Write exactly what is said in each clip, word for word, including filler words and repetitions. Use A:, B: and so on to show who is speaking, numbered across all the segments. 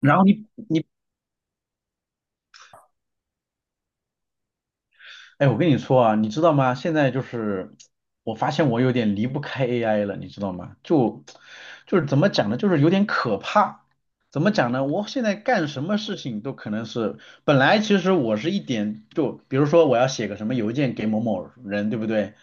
A: 然后你你，哎，我跟你说啊，你知道吗？现在就是我发现我有点离不开 A I 了，你知道吗？就就是怎么讲呢？就是有点可怕。怎么讲呢？我现在干什么事情都可能是，本来其实我是一点就，比如说我要写个什么邮件给某某人，对不对？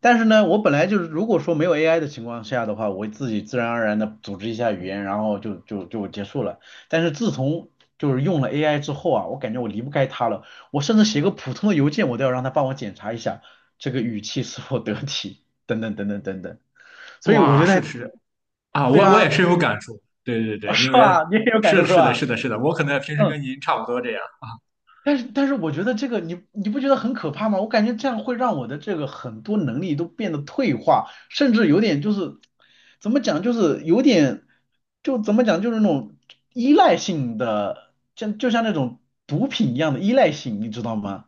A: 但是呢，我本来就是，如果说没有 A I 的情况下的话，我自己自然而然的组织一下语言，然后就就就结束了。但是自从就是用了 A I 之后啊，我感觉我离不开它了。我甚至写个普通的邮件，我都要让他帮我检查一下这个语气是否得体，等等等等等等。所以我
B: 哇，
A: 觉
B: 是
A: 得，
B: 的是的啊，
A: 对
B: 我我也
A: 啊，
B: 深有感触。对对 对，因
A: 是
B: 为
A: 吧？你也有感
B: 是
A: 受
B: 的，
A: 是
B: 是的，
A: 吧？
B: 是的，是的，我可能平时
A: 嗯，
B: 跟您差不多这样。
A: 但是但是我觉得这个你你不觉得很可怕吗？我感觉这样会让我的这个很多能力都变得退化，甚至有点就是怎么讲，就是有点就怎么讲，就是那种依赖性的，像就像那种毒品一样的依赖性，你知道吗？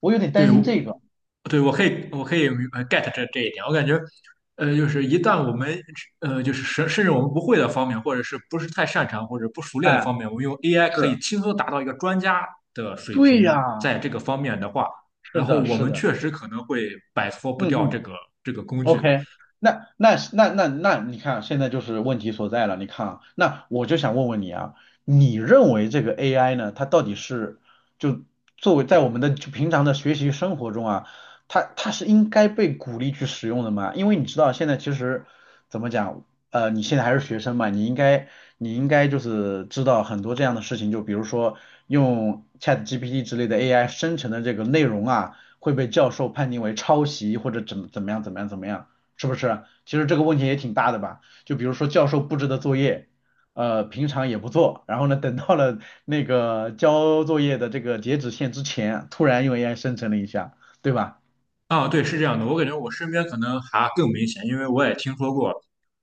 A: 我有点
B: 对，
A: 担
B: 我
A: 心这个。
B: 对，我可以，我可以明白 get 这这一点。我感觉，呃，就是一旦我们呃，就是甚甚至我们不会的方面，或者是不是太擅长或者不熟练的
A: 哎，
B: 方面，我们用 A I 可以
A: 是。
B: 轻松达到一个专家的水
A: 对
B: 平，
A: 呀，
B: 在这个方面的话，然
A: 是
B: 后
A: 的，
B: 我
A: 是
B: 们
A: 的，
B: 确实可能会摆脱不
A: 嗯
B: 掉这
A: 嗯
B: 个这个工具。
A: ，OK,那那那那那，你看啊现在就是问题所在了。你看啊，那我就想问问你啊，你认为这个 A I 呢，它到底是就作为在我们的就平常的学习生活中啊，它它是应该被鼓励去使用的吗？因为你知道现在其实怎么讲，呃，你现在还是学生嘛，你应该你应该就是知道很多这样的事情，就比如说用 ChatGPT 之类的 A I 生成的这个内容啊。会被教授判定为抄袭或者怎么怎么样怎么样怎么样，是不是？其实这个问题也挺大的吧？就比如说教授布置的作业，呃，平常也不做，然后呢，等到了那个交作业的这个截止线之前，突然用 A I 生成了一下，对吧？
B: 啊，对，是这样的，我感觉我身边可能还更明显，因为我也听说过，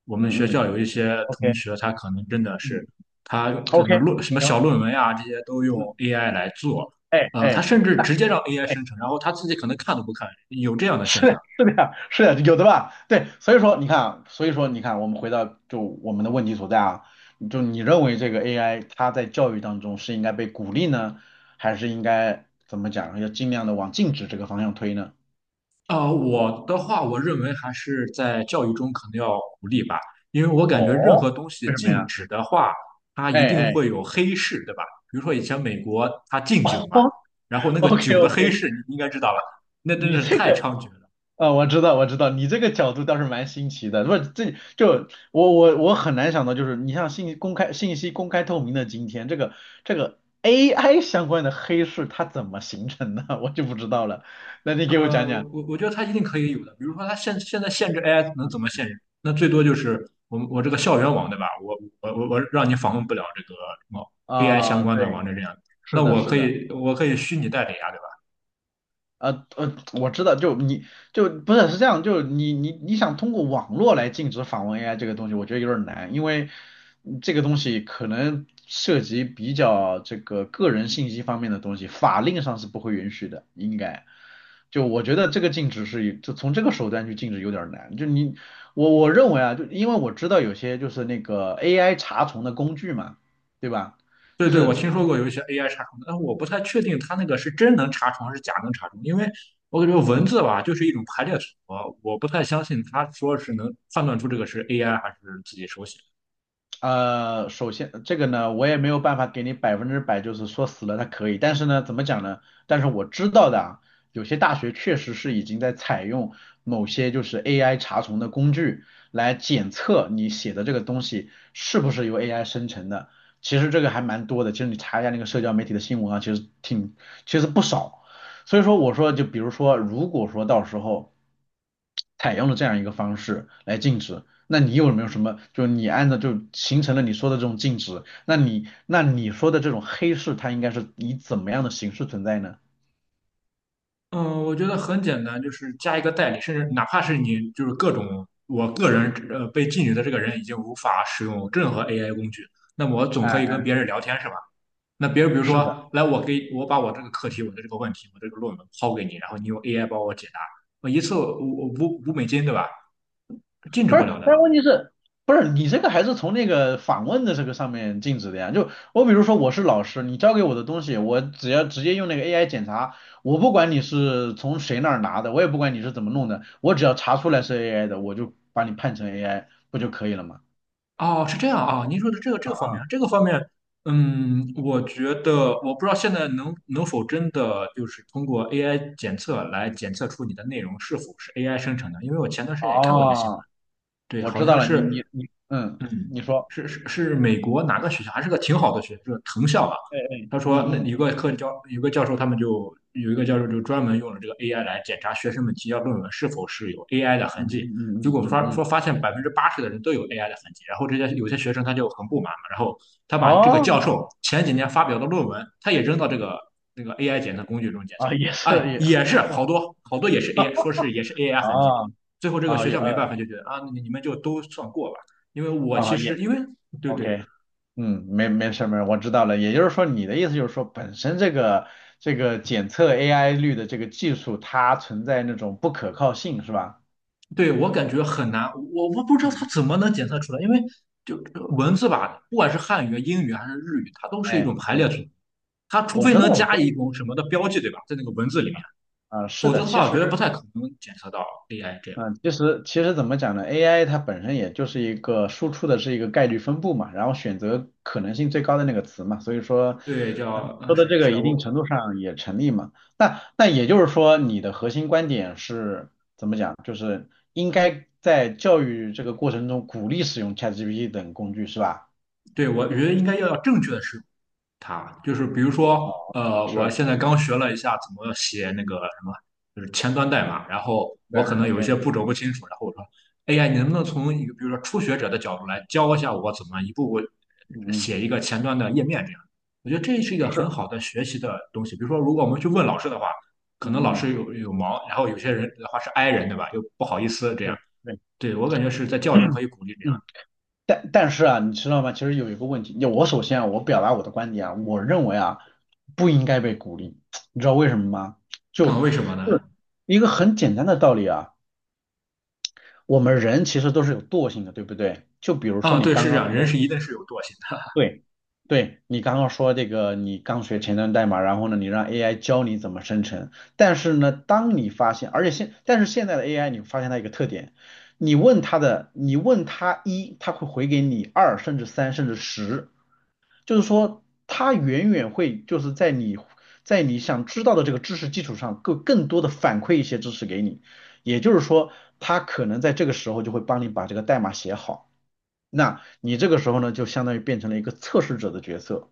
B: 我们学
A: 嗯嗯
B: 校有一些同
A: ，OK,
B: 学，他可能真的
A: 嗯
B: 是他怎么
A: ，OK,
B: 论什么
A: 行，
B: 小论文啊，这些都用
A: 嗯，
B: A I 来做，
A: 哎
B: 呃，他
A: 哎，
B: 甚至
A: 那。哎
B: 直接让 A I 生成，然后他自己可能看都不看，有这样 的现象。
A: 是是的呀，是的，有的吧？对，所以说你看啊，所以说你看，我们回到就我们的问题所在啊，就你认为这个 A I 它在教育当中是应该被鼓励呢，还是应该怎么讲，要尽量的往禁止这个方向推呢？
B: 呃，我的话，我认为还是在教育中可能要鼓励吧，因为我感觉任
A: 哦，
B: 何东西
A: 为什么
B: 禁
A: 呀？
B: 止的话，它
A: 哎
B: 一定
A: 哎，
B: 会有黑市，对吧？比如说以前美国它 禁酒嘛，
A: 哦
B: 然后那个
A: ，OK
B: 酒的
A: OK,
B: 黑市，你应该知道吧？那真
A: 你
B: 的是
A: 这
B: 太
A: 个。
B: 猖獗了。
A: 啊，我知道，我知道，你这个角度倒是蛮新奇的。不，这就我我我很难想到，就是你像信息公开、信息公开透明的今天，这个这个 A I 相关的黑市它怎么形成的，我就不知道了。那你给我讲讲
B: 嗯、我我觉得它一定可以有的，比如说它现现在限制 A I 能怎么限制？那最多就是我们我这个校园网，对吧？我我我我让你访问不了这个什么 A I 相
A: 啊，
B: 关的
A: 对，
B: 网站这样，
A: 是
B: 那
A: 的，
B: 我
A: 是
B: 可
A: 的。
B: 以我可以虚拟代理啊，对吧？
A: 呃呃，我知道，就你就不是是这样，就你你你想通过网络来禁止访问 A I 这个东西，我觉得有点难，因为嗯这个东西可能涉及比较这个个人信息方面的东西，法令上是不会允许的，应该。就我觉得这个禁止是就从这个手段去禁止有点难，就你我我认为啊，就因为我知道有些就是那个 A I 查重的工具嘛，对吧？
B: 对
A: 就
B: 对，我
A: 是。
B: 听说过有一些 A I 查重的，但我不太确定它那个是真能查重还是假能查重，因为我感觉文
A: 嗯。
B: 字吧就是一种排列组合，我不太相信他说是能判断出这个是 A I 还是自己手写。
A: 呃，首先这个呢，我也没有办法给你百分之百，就是说死了它可以，但是呢，怎么讲呢？但是我知道的啊，有些大学确实是已经在采用某些就是 A I 查重的工具来检测你写的这个东西是不是由 A I 生成的。其实这个还蛮多的，其实你查一下那个社交媒体的新闻啊，其实挺，其实不少。所以说我说，就比如说，如果说到时候采用了这样一个方式来禁止，那你有没有什么，就你按照就形成了你说的这种禁止，那你那你说的这种黑市，它应该是以怎么样的形式存在呢？
B: 嗯，我觉得很简单，就是加一个代理，甚至哪怕是你就是各种，我个人呃被禁语的这个人已经无法使用任何 A I 工具，那么我总可以
A: 哎，
B: 跟别人聊天是吧？那别人比如
A: 是的，
B: 说，来我给我把我这个课题、我的这个问题、我这个论文抛给你，然后你用 A I 帮我解答，我一次五五五美金，对吧？禁止
A: 不是，
B: 不了
A: 但
B: 的。
A: 是问题是，不是你这个还是从那个访问的这个上面禁止的呀？就我比如说我是老师，你交给我的东西，我只要直接用那个 A I 检查，我不管你是从谁那儿拿的，我也不管你是怎么弄的，我只要查出来是 A I 的，我就把你判成 A I 不就可以了吗？
B: 哦，是这样啊，您说的这个这个方面，
A: 啊
B: 这个方面，嗯，我觉得我不知道现在能能否真的就是通过 A I 检测来检测出你的内容是否是 A I 生成的，因为我前段时
A: 啊，
B: 间也看过一个新闻，
A: 哦。
B: 对，
A: 我
B: 好
A: 知道
B: 像
A: 了，你你
B: 是
A: 你，嗯，
B: 嗯，
A: 你说，
B: 是是是美国哪个学校？还是个挺好的学校，是藤校吧？
A: 哎哎，
B: 他说，那
A: 嗯嗯
B: 有个课教有个教授，他们就有一个教授就专门用了这个 A I 来检查学生们提交论文是否是有 A I 的
A: 嗯
B: 痕迹。
A: 嗯
B: 结
A: 嗯
B: 果
A: 嗯
B: 发
A: 嗯
B: 说
A: 嗯，
B: 发现百分之八十的人都有 A I 的痕迹，然后这些有些学生他就很不满嘛，然后他把这个
A: 哦，
B: 教授前几年发表的论文，他也扔到这个那个 A I 检测工具中检测，
A: 啊，也是
B: 哎，
A: 也，
B: 也是好 多好多也是 A I，说是也是 A I 痕迹。
A: 啊
B: 最后这个
A: 啊
B: 学
A: 也
B: 校没
A: 呃
B: 办法就觉得啊，你你们就都算过吧。因为我其
A: 啊
B: 实
A: 也
B: 因为对对
A: ，OK,嗯，没没事儿没事儿，我知道了。也就是说，你的意思就是说，本身这个这个检测 A I 率的这个技术，它存在那种不可靠性，是吧？
B: 对，我感觉很难，我我不知道它
A: 嗯，
B: 怎么能检测出来，因为就文字吧，不管是汉语、英语还是日语，它都是一种
A: 哎，
B: 排
A: 对，
B: 列组合，它除
A: 我
B: 非
A: 知道
B: 能
A: 我
B: 加
A: 知道，
B: 一种什么的标记，对吧，在那个文字里面，
A: 啊，是
B: 否则
A: 的，
B: 的
A: 其
B: 话，我觉得不
A: 实。
B: 太可能检测到 A I 这样。
A: 嗯，其实其实怎么讲呢？A I 它本身也就是一个输出的是一个概率分布嘛，然后选择可能性最高的那个词嘛，所以说，
B: 对，
A: 嗯，
B: 叫嗯，
A: 说的
B: 是
A: 这
B: 是是
A: 个
B: 的，
A: 一定
B: 我
A: 程度上也成立嘛。那那也就是说，你的核心观点是怎么讲？就是应该在教育这个过程中鼓励使用 ChatGPT 等工具是吧？
B: 对我觉得应该要要正确的是。他就是比如说，呃，我
A: 是，
B: 现在刚学了一下怎么写那个什么，就是前端代码，然后
A: 对
B: 我可能有一
A: ，OK,
B: 些步骤不清楚，然后我说 a 呀，你能不能从一个比如说初学者的角度来教一下我怎么一步步
A: 嗯嗯，
B: 写一个前端的页面这样？我觉得这是一个
A: 是，
B: 很好的学习的东西。比如说，如果我们去问老师的话，可能
A: 嗯
B: 老
A: 嗯，
B: 师有有忙，然后有些人的话是 i 人，对吧？又不好意思这样。
A: 对对。
B: 对，我感觉是在教育中可以鼓励这样。
A: 嗯。但但是啊，你知道吗？其实有一个问题，我首先啊，我表达我的观点啊，我认为啊，不应该被鼓励，你知道为什么吗？就
B: 那、为什么
A: 就
B: 呢？
A: 一个很简单的道理啊，我们人其实都是有惰性的，对不对？就比如说
B: 啊，
A: 你
B: 对，
A: 刚
B: 是这
A: 刚
B: 样，人
A: 说，
B: 是一定是有惰性的。
A: 对，对，你刚刚说这个，你刚学前端代码，然后呢，你让 A I 教你怎么生成，但是呢，当你发现，而且现，但是现在的 A I,你发现它一个特点，你问它的，你问它一，它会回给你二，甚至三，甚至十。就是说它远远会就是在你在你想知道的这个知识基础上，更更多的反馈一些知识给你。也就是说，它可能在这个时候就会帮你把这个代码写好。那你这个时候呢，就相当于变成了一个测试者的角色，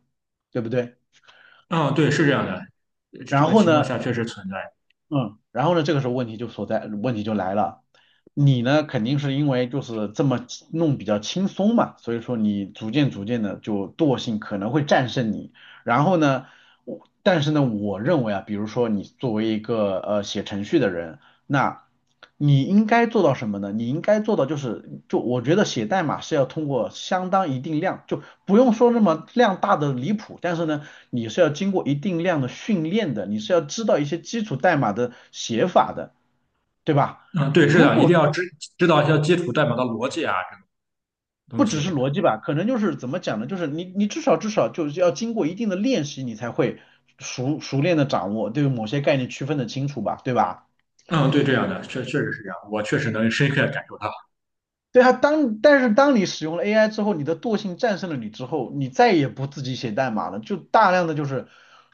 A: 对不对？
B: 嗯，对，是这样的，呃这
A: 然
B: 个
A: 后
B: 情况
A: 呢，
B: 下确实存在。
A: 嗯，然后呢，这个时候问题就所在，问题就来了。你呢，肯定是因为就是这么轻弄比较轻松嘛，所以说你逐渐逐渐的就惰性可能会战胜你。然后呢，我但是呢，我认为啊，比如说你作为一个呃写程序的人，那你应该做到什么呢？你应该做到就是，就我觉得写代码是要通过相当一定量，就不用说那么量大的离谱，但是呢，你是要经过一定量的训练的，你是要知道一些基础代码的写法的，对吧？
B: 嗯，对，是
A: 如
B: 的，一定
A: 果
B: 要
A: 说
B: 知知道一些基础代码的逻辑啊，这个东
A: 不只
B: 西。
A: 是逻辑吧，可能就是怎么讲呢？就是你你至少至少就是要经过一定的练习，你才会熟熟练的掌握对某些概念区分的清楚吧，对吧？
B: 嗯，对，这样的，确确实是这样，我确实能深刻地感受到。
A: 对啊，当，但是当你使用了 A I 之后，你的惰性战胜了你之后，你再也不自己写代码了，就大量的就是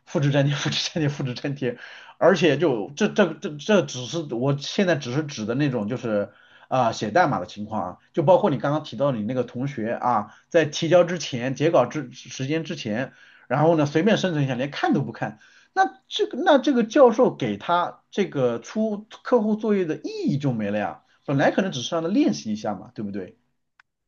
A: 复制粘贴、复制粘贴、复制粘贴，而且就这这这这只是我现在只是指的那种就是啊、写代码的情况啊，就包括你刚刚提到你那个同学啊，在提交之前、截稿之时间之前，然后呢随便生成一下，连看都不看，那这个那这个教授给他这个出客户作业的意义就没了呀。本来可能只是让他练习一下嘛，对不对？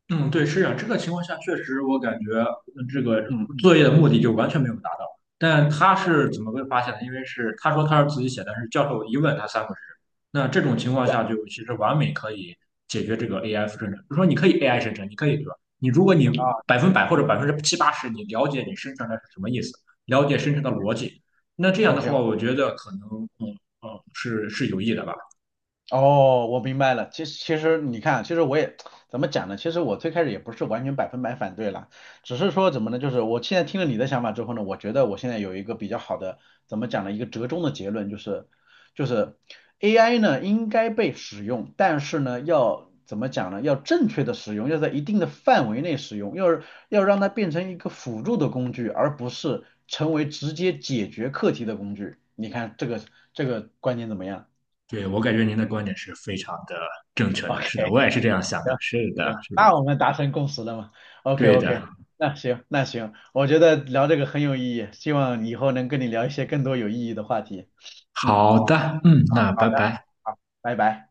B: 嗯，对，是啊，这个情况下确实，我感觉嗯这个
A: 嗯嗯，
B: 作业的目的就完全没有达到。但他是怎么被发现的？因为是他说他是自己写的，但是教授一问他三不知。那这种情况
A: 对
B: 下，就其实完美可以解决这个 A I 生成。比如说，你可以 A I 生成，你可以对吧？你如果你
A: 啊，
B: 百分百或者
A: 嗯
B: 百分之七八十，你了解你生成的是什么意思，了解生成的逻辑，那这样的话，
A: ，OK
B: 我觉得可能嗯嗯是是有益的吧。
A: 哦，我明白了。其实，其实你看，其实我也怎么讲呢？其实我最开始也不是完全百分百反对啦，只是说怎么呢？就是我现在听了你的想法之后呢，我觉得我现在有一个比较好的，怎么讲呢？一个折中的结论就是，就是 A I 呢应该被使用，但是呢要怎么讲呢？要正确的使用，要在一定的范围内使用，要要让它变成一个辅助的工具，而不是成为直接解决课题的工具。你看这个这个观点怎么样？
B: 对，我感觉您的观点是非常的正确
A: o k
B: 的，是的，我也是这样想的，
A: 行
B: 是的，
A: 行，
B: 是的，
A: 那我们达成共识了嘛？OK
B: 对
A: OK,
B: 的，
A: 那行那行，我觉得聊这个很有意义，希望以后能跟你聊一些更多有意义的话题。嗯，
B: 好的，嗯，
A: 好
B: 那
A: 好
B: 拜
A: 的，
B: 拜。
A: 好，拜拜。